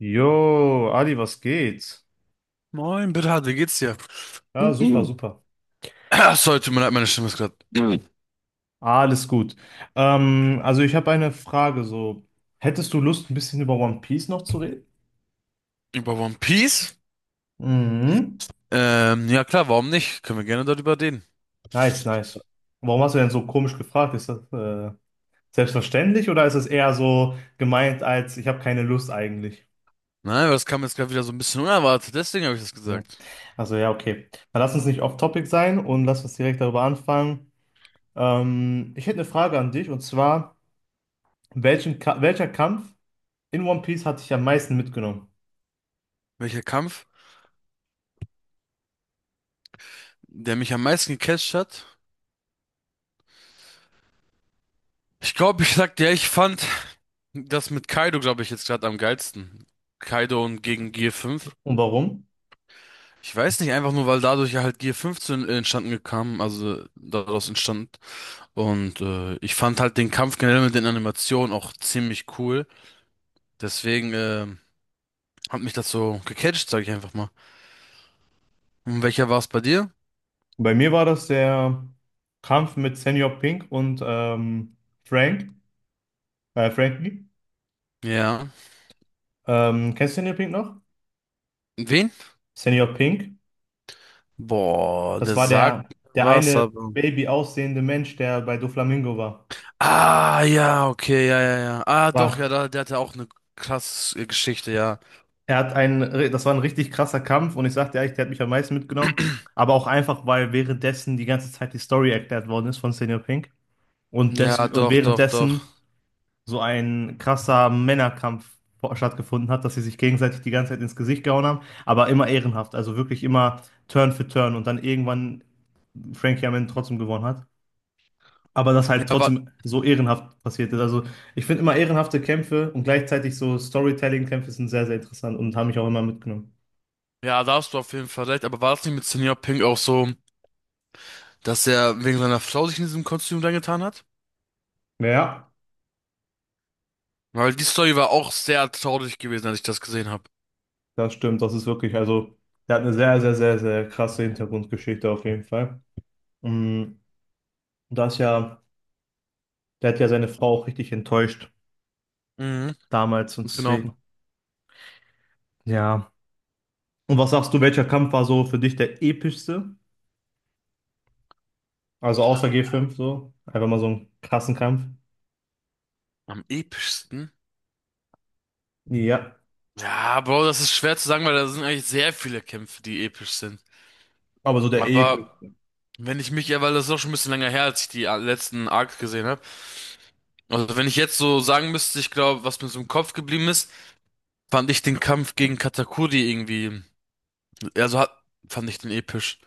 Jo, Adi, was geht? Moin, Bernhard, wie geht's dir? Ja, super, super. Ach, sorry, tut mir leid, meine Stimme ist gerade Mhm. Alles gut. Also ich habe eine Frage so. Hättest du Lust, ein bisschen über One Piece noch zu reden? Über One Piece. Mhm. Ja klar, warum nicht? Können wir gerne darüber reden. Nice, nice. Warum hast du denn so komisch gefragt? Ist das selbstverständlich oder ist es eher so gemeint als ich habe keine Lust eigentlich? Nein, aber das kam jetzt gerade wieder so ein bisschen unerwartet, deswegen habe ich das Also, gesagt. also ja, okay. Dann lass uns nicht off-topic sein und lass uns direkt darüber anfangen. Ich hätte eine Frage an dich, und zwar, welchen Ka welcher Kampf in One Piece hat dich am meisten mitgenommen? Welcher Kampf, der mich am meisten gecatcht hat? Ich glaube, ich sag dir, ich fand das mit Kaido, glaube ich, jetzt gerade am geilsten. Kaido und gegen Gear 5. Und warum? Ich weiß nicht, einfach nur, weil dadurch ja halt Gear 5 zu entstanden kam, also daraus entstand. Und ich fand halt den Kampf generell mit den Animationen auch ziemlich cool. Deswegen hat mich das so gecatcht, sag ich einfach mal. Und welcher war es bei dir? Bei mir war das der Kampf mit Senior Pink und Frank, Frankie. Ja. Kennst du Senior Pink noch? Wen? Senior Pink, Boah, das der war der, sagt der was, eine aber. Baby aussehende Mensch, der bei Doflamingo war. Ah, ja, okay, ja, ja, ja. Ah, doch, ja, War, da, der hatte auch eine krasse Geschichte, ja. Er hat einen, das war ein richtig krasser Kampf und ich sagte ehrlich, der hat mich am meisten mitgenommen. Aber auch einfach, weil währenddessen die ganze Zeit die Story erklärt worden ist von Senior Pink. Und, des, Ja, und doch, doch, doch. währenddessen so ein krasser Männerkampf stattgefunden hat, dass sie sich gegenseitig die ganze Zeit ins Gesicht gehauen haben, aber immer ehrenhaft, also wirklich immer Turn für Turn und dann irgendwann Frankie am Ende trotzdem gewonnen hat. Aber das Ja, halt war, trotzdem so ehrenhaft passiert ist. Also, ich finde, immer ehrenhafte Kämpfe und gleichzeitig so Storytelling-Kämpfe sind sehr, sehr interessant und haben mich auch immer mitgenommen. ja, da hast du auf jeden Fall recht, aber war das nicht mit Senior Pink auch so, dass er wegen seiner Frau sich in diesem Kostüm reingetan hat? Ja, Weil die Story war auch sehr traurig gewesen, als ich das gesehen habe. das stimmt. Das ist wirklich, also der hat eine sehr, sehr, sehr, sehr krasse Hintergrundgeschichte auf jeden Fall. Mm, und da ja, der hat ja seine Frau auch richtig enttäuscht Mhm, damals und ganz genau. deswegen. Ja. Und was sagst du, welcher Kampf war so für dich der epischste? Also außer G5 so. Einfach mal so ein krassen Kampf. Am epischsten? Ja. Ja, Bro, das ist schwer zu sagen, weil da sind eigentlich sehr viele Kämpfe, die episch sind. Aber so der episch. Aber wenn ich mich, ja, weil das ist auch schon ein bisschen länger her, als ich die letzten Arcs gesehen habe. Also wenn ich jetzt so sagen müsste, ich glaube, was mir so im Kopf geblieben ist, fand ich den Kampf gegen Katakuri irgendwie, also hat, fand ich den episch.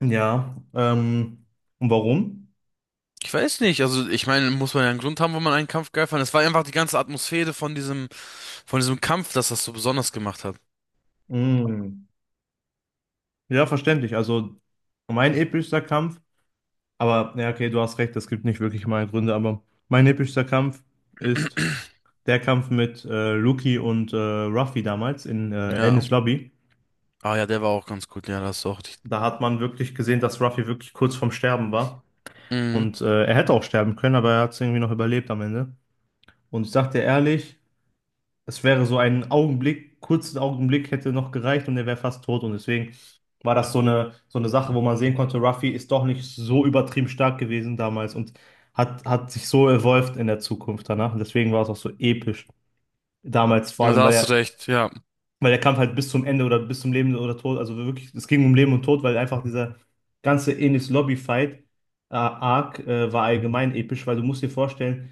Ja. Und warum? Ich weiß nicht, also ich meine, muss man ja einen Grund haben, wo man einen Kampf geil fand. Es war einfach die ganze Atmosphäre von diesem Kampf, das das so besonders gemacht hat. Mm. Ja, verständlich. Also mein epischster Kampf, aber ja, okay, du hast recht, es gibt nicht wirklich mal Gründe, aber mein epischster Kampf ist der Kampf mit Luki und Ruffy damals in Ja. Enies Lobby. Ah ja, der war auch ganz gut, ja, das ist auch Da hat man wirklich gesehen, dass Ruffy wirklich kurz vorm Sterben war. Mhm. Und er hätte auch sterben können, aber er hat es irgendwie noch überlebt am Ende. Und ich sag dir ehrlich, es wäre so ein Augenblick, kurzen Augenblick hätte noch gereicht und er wäre fast tot. Und deswegen war das so eine Sache, wo man sehen konnte, Ruffy ist doch nicht so übertrieben stark gewesen damals und hat sich so evolved in der Zukunft danach. Und deswegen war es auch so episch damals, vor Na, allem, da hast du weil recht, ja. weil der Kampf halt bis zum Ende oder bis zum Leben oder Tod, also wirklich, es ging um Leben und Tod, weil einfach dieser ganze Enis Lobby-Fight, Arc, war allgemein episch, weil du musst dir vorstellen,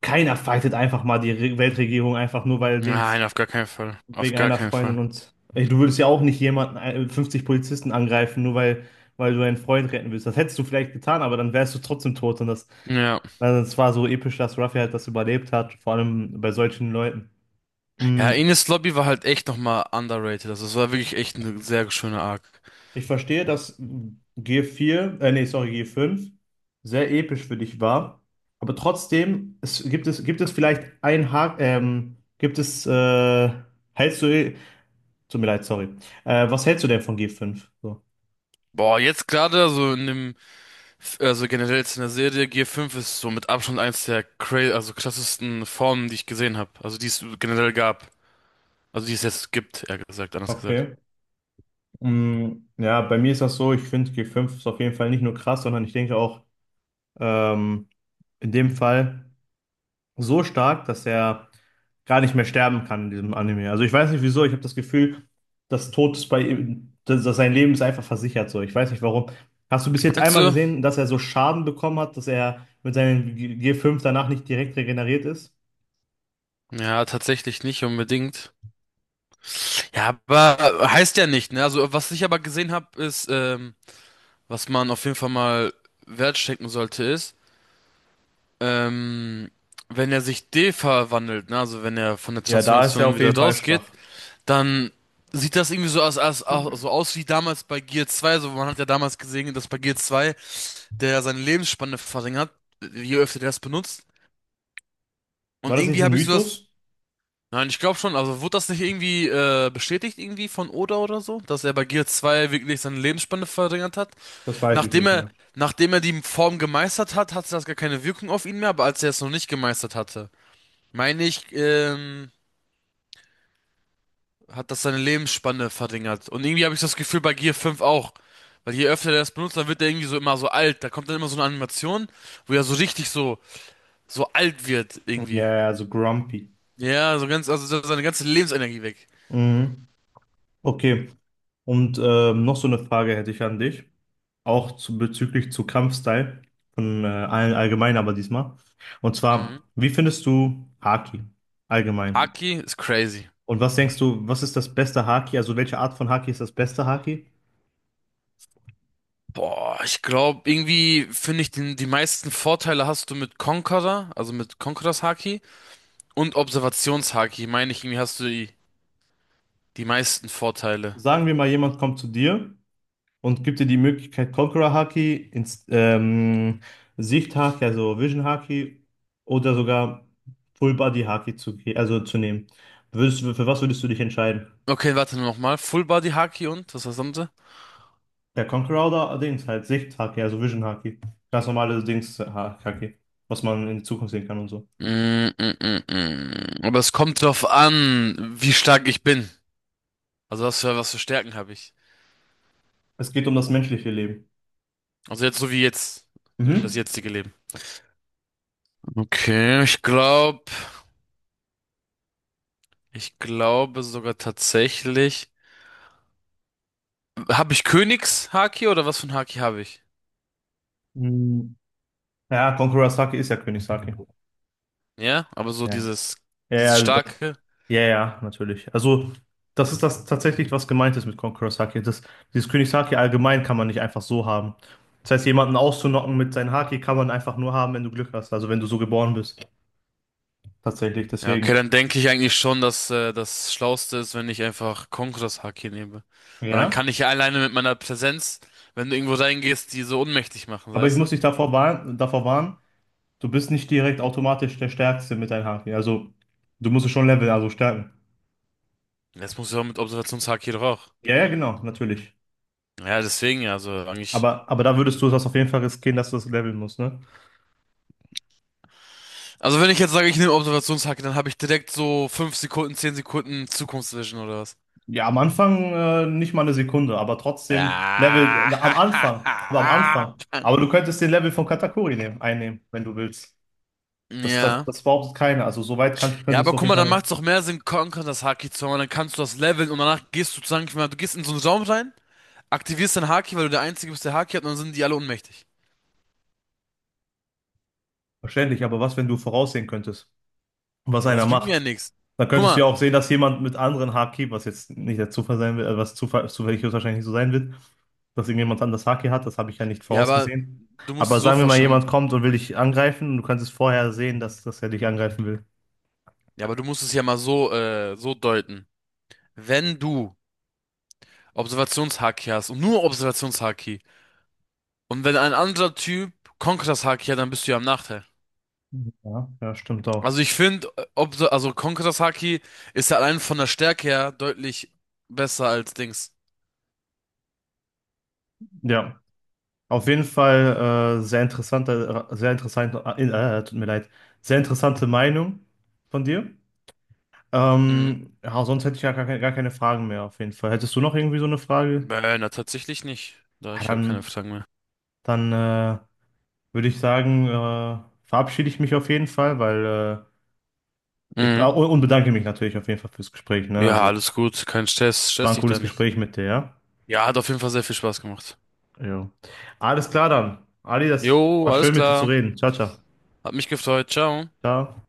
keiner fightet einfach mal die Re Weltregierung einfach nur, weil er denkt, Nein, auf gar keinen Fall. Auf wegen gar einer keinen Freundin. Fall. Und ey, du würdest ja auch nicht jemanden, 50 Polizisten angreifen, nur weil, weil du einen Freund retten willst. Das hättest du vielleicht getan, aber dann wärst du trotzdem tot, und das, Ja. also es war so episch, dass Ruffy halt das überlebt hat, vor allem bei solchen Leuten. Ja, Mm, Ines Lobby war halt echt nochmal underrated. Also es war wirklich echt eine sehr schöne Arc. ich verstehe, dass g vier, nee, sorry, g fünf sehr episch für dich war. Aber trotzdem, gibt es vielleicht ein Haken, gibt es, hältst du, tut mir leid, sorry. Was hältst du denn von g fünf? So. Boah, jetzt gerade, also in dem, also generell jetzt in der Serie, Gear fünf ist so mit Abstand eins der cra also krassesten Formen, die ich gesehen habe. Also die es generell gab. Also die es jetzt gibt, eher gesagt, anders gesagt. Okay. Mm, ja, bei mir ist das so, ich finde g fünf ist auf jeden Fall nicht nur krass, sondern ich denke auch, ähm, in dem Fall so stark, dass er gar nicht mehr sterben kann in diesem Anime. Also ich weiß nicht wieso, ich habe das Gefühl, dass Tod ist bei ihm, dass sein Leben ist einfach versichert so. Ich weiß nicht warum. Hast du bis jetzt Meinst einmal du? gesehen, dass er so Schaden bekommen hat, dass er mit seinem G5 danach nicht direkt regeneriert ist? Ja, tatsächlich nicht unbedingt. Ja, aber heißt ja nicht, ne? Also was ich aber gesehen habe, ist, was man auf jeden Fall mal wertstecken sollte, ist, ähm, wenn er sich de-verwandelt, ne, also wenn er von der Ja, da ist er Transformation auf wieder jeden Fall rausgeht, schwach. dann sieht das irgendwie so aus, so aus wie damals bei Gear 2. So, man hat ja damals gesehen, dass bei Gear 2 der ja seine Lebensspanne verringert, je öfter der das benutzt. War Und das nicht irgendwie ein habe ich so das. Mythos? Nein, ich glaube schon. Also wurde das nicht irgendwie bestätigt irgendwie von Oda oder so, dass er bei Gear 2 wirklich seine Lebensspanne verringert hat? Das weiß ich Nachdem nicht er, mehr. nachdem er die Form gemeistert hat, hatte das gar keine Wirkung auf ihn mehr, aber als er es noch nicht gemeistert hatte, meine ich, hat das seine Lebensspanne verringert. Und irgendwie habe ich das Gefühl bei Gear fünf auch. Weil je öfter der das benutzt, dann wird er irgendwie so immer so alt. Da kommt dann immer so eine Animation, wo er so richtig so, so alt wird irgendwie. Ja, ja, so grumpy. Ja, so ganz, also so seine ganze Lebensenergie weg. Mhm. Okay. Und noch so eine Frage hätte ich an dich, auch zu, bezüglich zu Kampfstyle von allen allgemein, aber diesmal. Und zwar, Mhm. wie findest du Haki allgemein? Haki ist crazy. Und was denkst du, was ist das beste Haki? Also welche Art von Haki ist das beste Haki? Boah, ich glaube, irgendwie finde ich den, die meisten Vorteile hast du mit Conqueror, also mit Conquerors Haki. Und Observationshaki, meine ich, irgendwie hast du die, die meisten Vorteile. Sagen wir mal, jemand kommt zu dir und gibt dir die Möglichkeit Conqueror Haki, Inst Sicht Haki, also Vision Haki, oder sogar Full Body Haki zu, also zu nehmen. Für was würdest du dich entscheiden? Okay, warte nochmal. Full Body Haki und? Was war das andere? Der Conqueror oder Dings, halt Sicht-Haki, also Vision-Haki. Ganz normale Dings-Haki, was man in die Zukunft sehen kann und so. Mm. Aber es kommt drauf an, wie stark ich bin. Also was für Stärken habe ich. Es geht um das menschliche Leben. Also jetzt. So wie das Mhm. jetzige Leben. Okay, ich glaube sogar tatsächlich. Habe ich Königshaki oder was für ein Haki habe ich? Mhm. Ja, Conqueror's Haki ist ja Königshaki. Ja, aber so Ja. dieses, Ja, ja, dieses also das- starke. ja, ja, natürlich. Also, das ist das tatsächlich, was gemeint ist mit Conqueror's Haki. Das, dieses Königshaki allgemein kann man nicht einfach so haben. Das heißt, jemanden auszunocken mit seinem Haki kann man einfach nur haben, wenn du Glück hast, also wenn du so geboren bist. Tatsächlich, Ja, okay, deswegen. dann denke ich eigentlich schon, dass das Schlauste ist, wenn ich einfach Konkuras Haki nehme. Weil dann Ja. kann ich ja alleine mit meiner Präsenz, wenn du irgendwo reingehst, die so ohnmächtig machen, Aber ich weißt muss du? dich davor warnen. Du bist nicht direkt automatisch der Stärkste mit deinen Haken. Also, du musst es schon leveln, also stärken. Jetzt muss ich auch mit Observationshaki doch auch. Ja, ja, genau, natürlich. Ja, deswegen ja, also eigentlich. Aber da würdest du das auf jeden Fall riskieren, dass du das leveln musst, ne? Also wenn ich jetzt sage, ich nehme Observationshaki, dann habe ich direkt so 5 Sekunden, 10 Sekunden Zukunftsvision oder was? Ja, am Anfang nicht mal eine Sekunde, aber trotzdem Level, Ja. Am Anfang. Aber du könntest den Level von Katakuri nehmen, einnehmen, wenn du willst. Ja. Das behauptet keiner. Also, Ja, könntest aber du auf guck jeden mal, dann Fall. macht's doch mehr Sinn, Conquer das Haki zu haben, dann kannst du das leveln und danach gehst du sozusagen, ich meine, du gehst in so einen Raum rein, aktivierst dein Haki, weil du der Einzige bist, der Haki hat, und dann sind die alle ohnmächtig. Verständlich, aber was, wenn du voraussehen könntest, was Ja, das einer bringt mir ja macht? nichts. Dann Guck könntest du mal, ja auch sehen, dass jemand mit anderen Haki, was jetzt nicht der Zufall sein wird, zufällig höchstwahrscheinlich nicht so sein wird, dass irgendjemand anders Haki hat, das habe ich ja nicht ja, aber vorausgesehen. du musst dir Aber so sagen wir mal, vorstellen, jemand kommt und will dich angreifen und du kannst es vorher sehen, dass er dich angreifen will. ja, aber du musst es ja mal so, so deuten. Wenn du Observationshaki hast und nur Observationshaki und wenn ein anderer Typ Konkuras Haki hat, dann bist du ja im Nachteil. Ja, ja, stimmt auch. Also ich finde, also Konkuras Haki ist ja allein von der Stärke her deutlich besser als Dings. Ja, auf jeden Fall sehr interessanter, tut mir leid, sehr interessante Meinung von dir. Mhm. Ja, sonst hätte ich ja gar keine Fragen mehr, auf jeden Fall. Hättest du noch irgendwie so eine Frage? Na, tatsächlich nicht. Da, Ja, ich habe keine dann Fragen mehr. Dann äh, würde ich sagen, verabschiede ich mich auf jeden Fall, weil ich ah, Mhm. Und bedanke mich natürlich auf jeden Fall fürs Gespräch. Ne? Ja, Also, alles gut, kein Stress, es war stress ein dich da cooles nicht. Gespräch mit dir, ja? Ja, hat auf jeden Fall sehr viel Spaß gemacht. Ja. Alles klar dann. Ali, das Jo, war alles schön mit dir zu klar. reden. Ciao, ciao. Hat mich gefreut. Ciao. Ciao.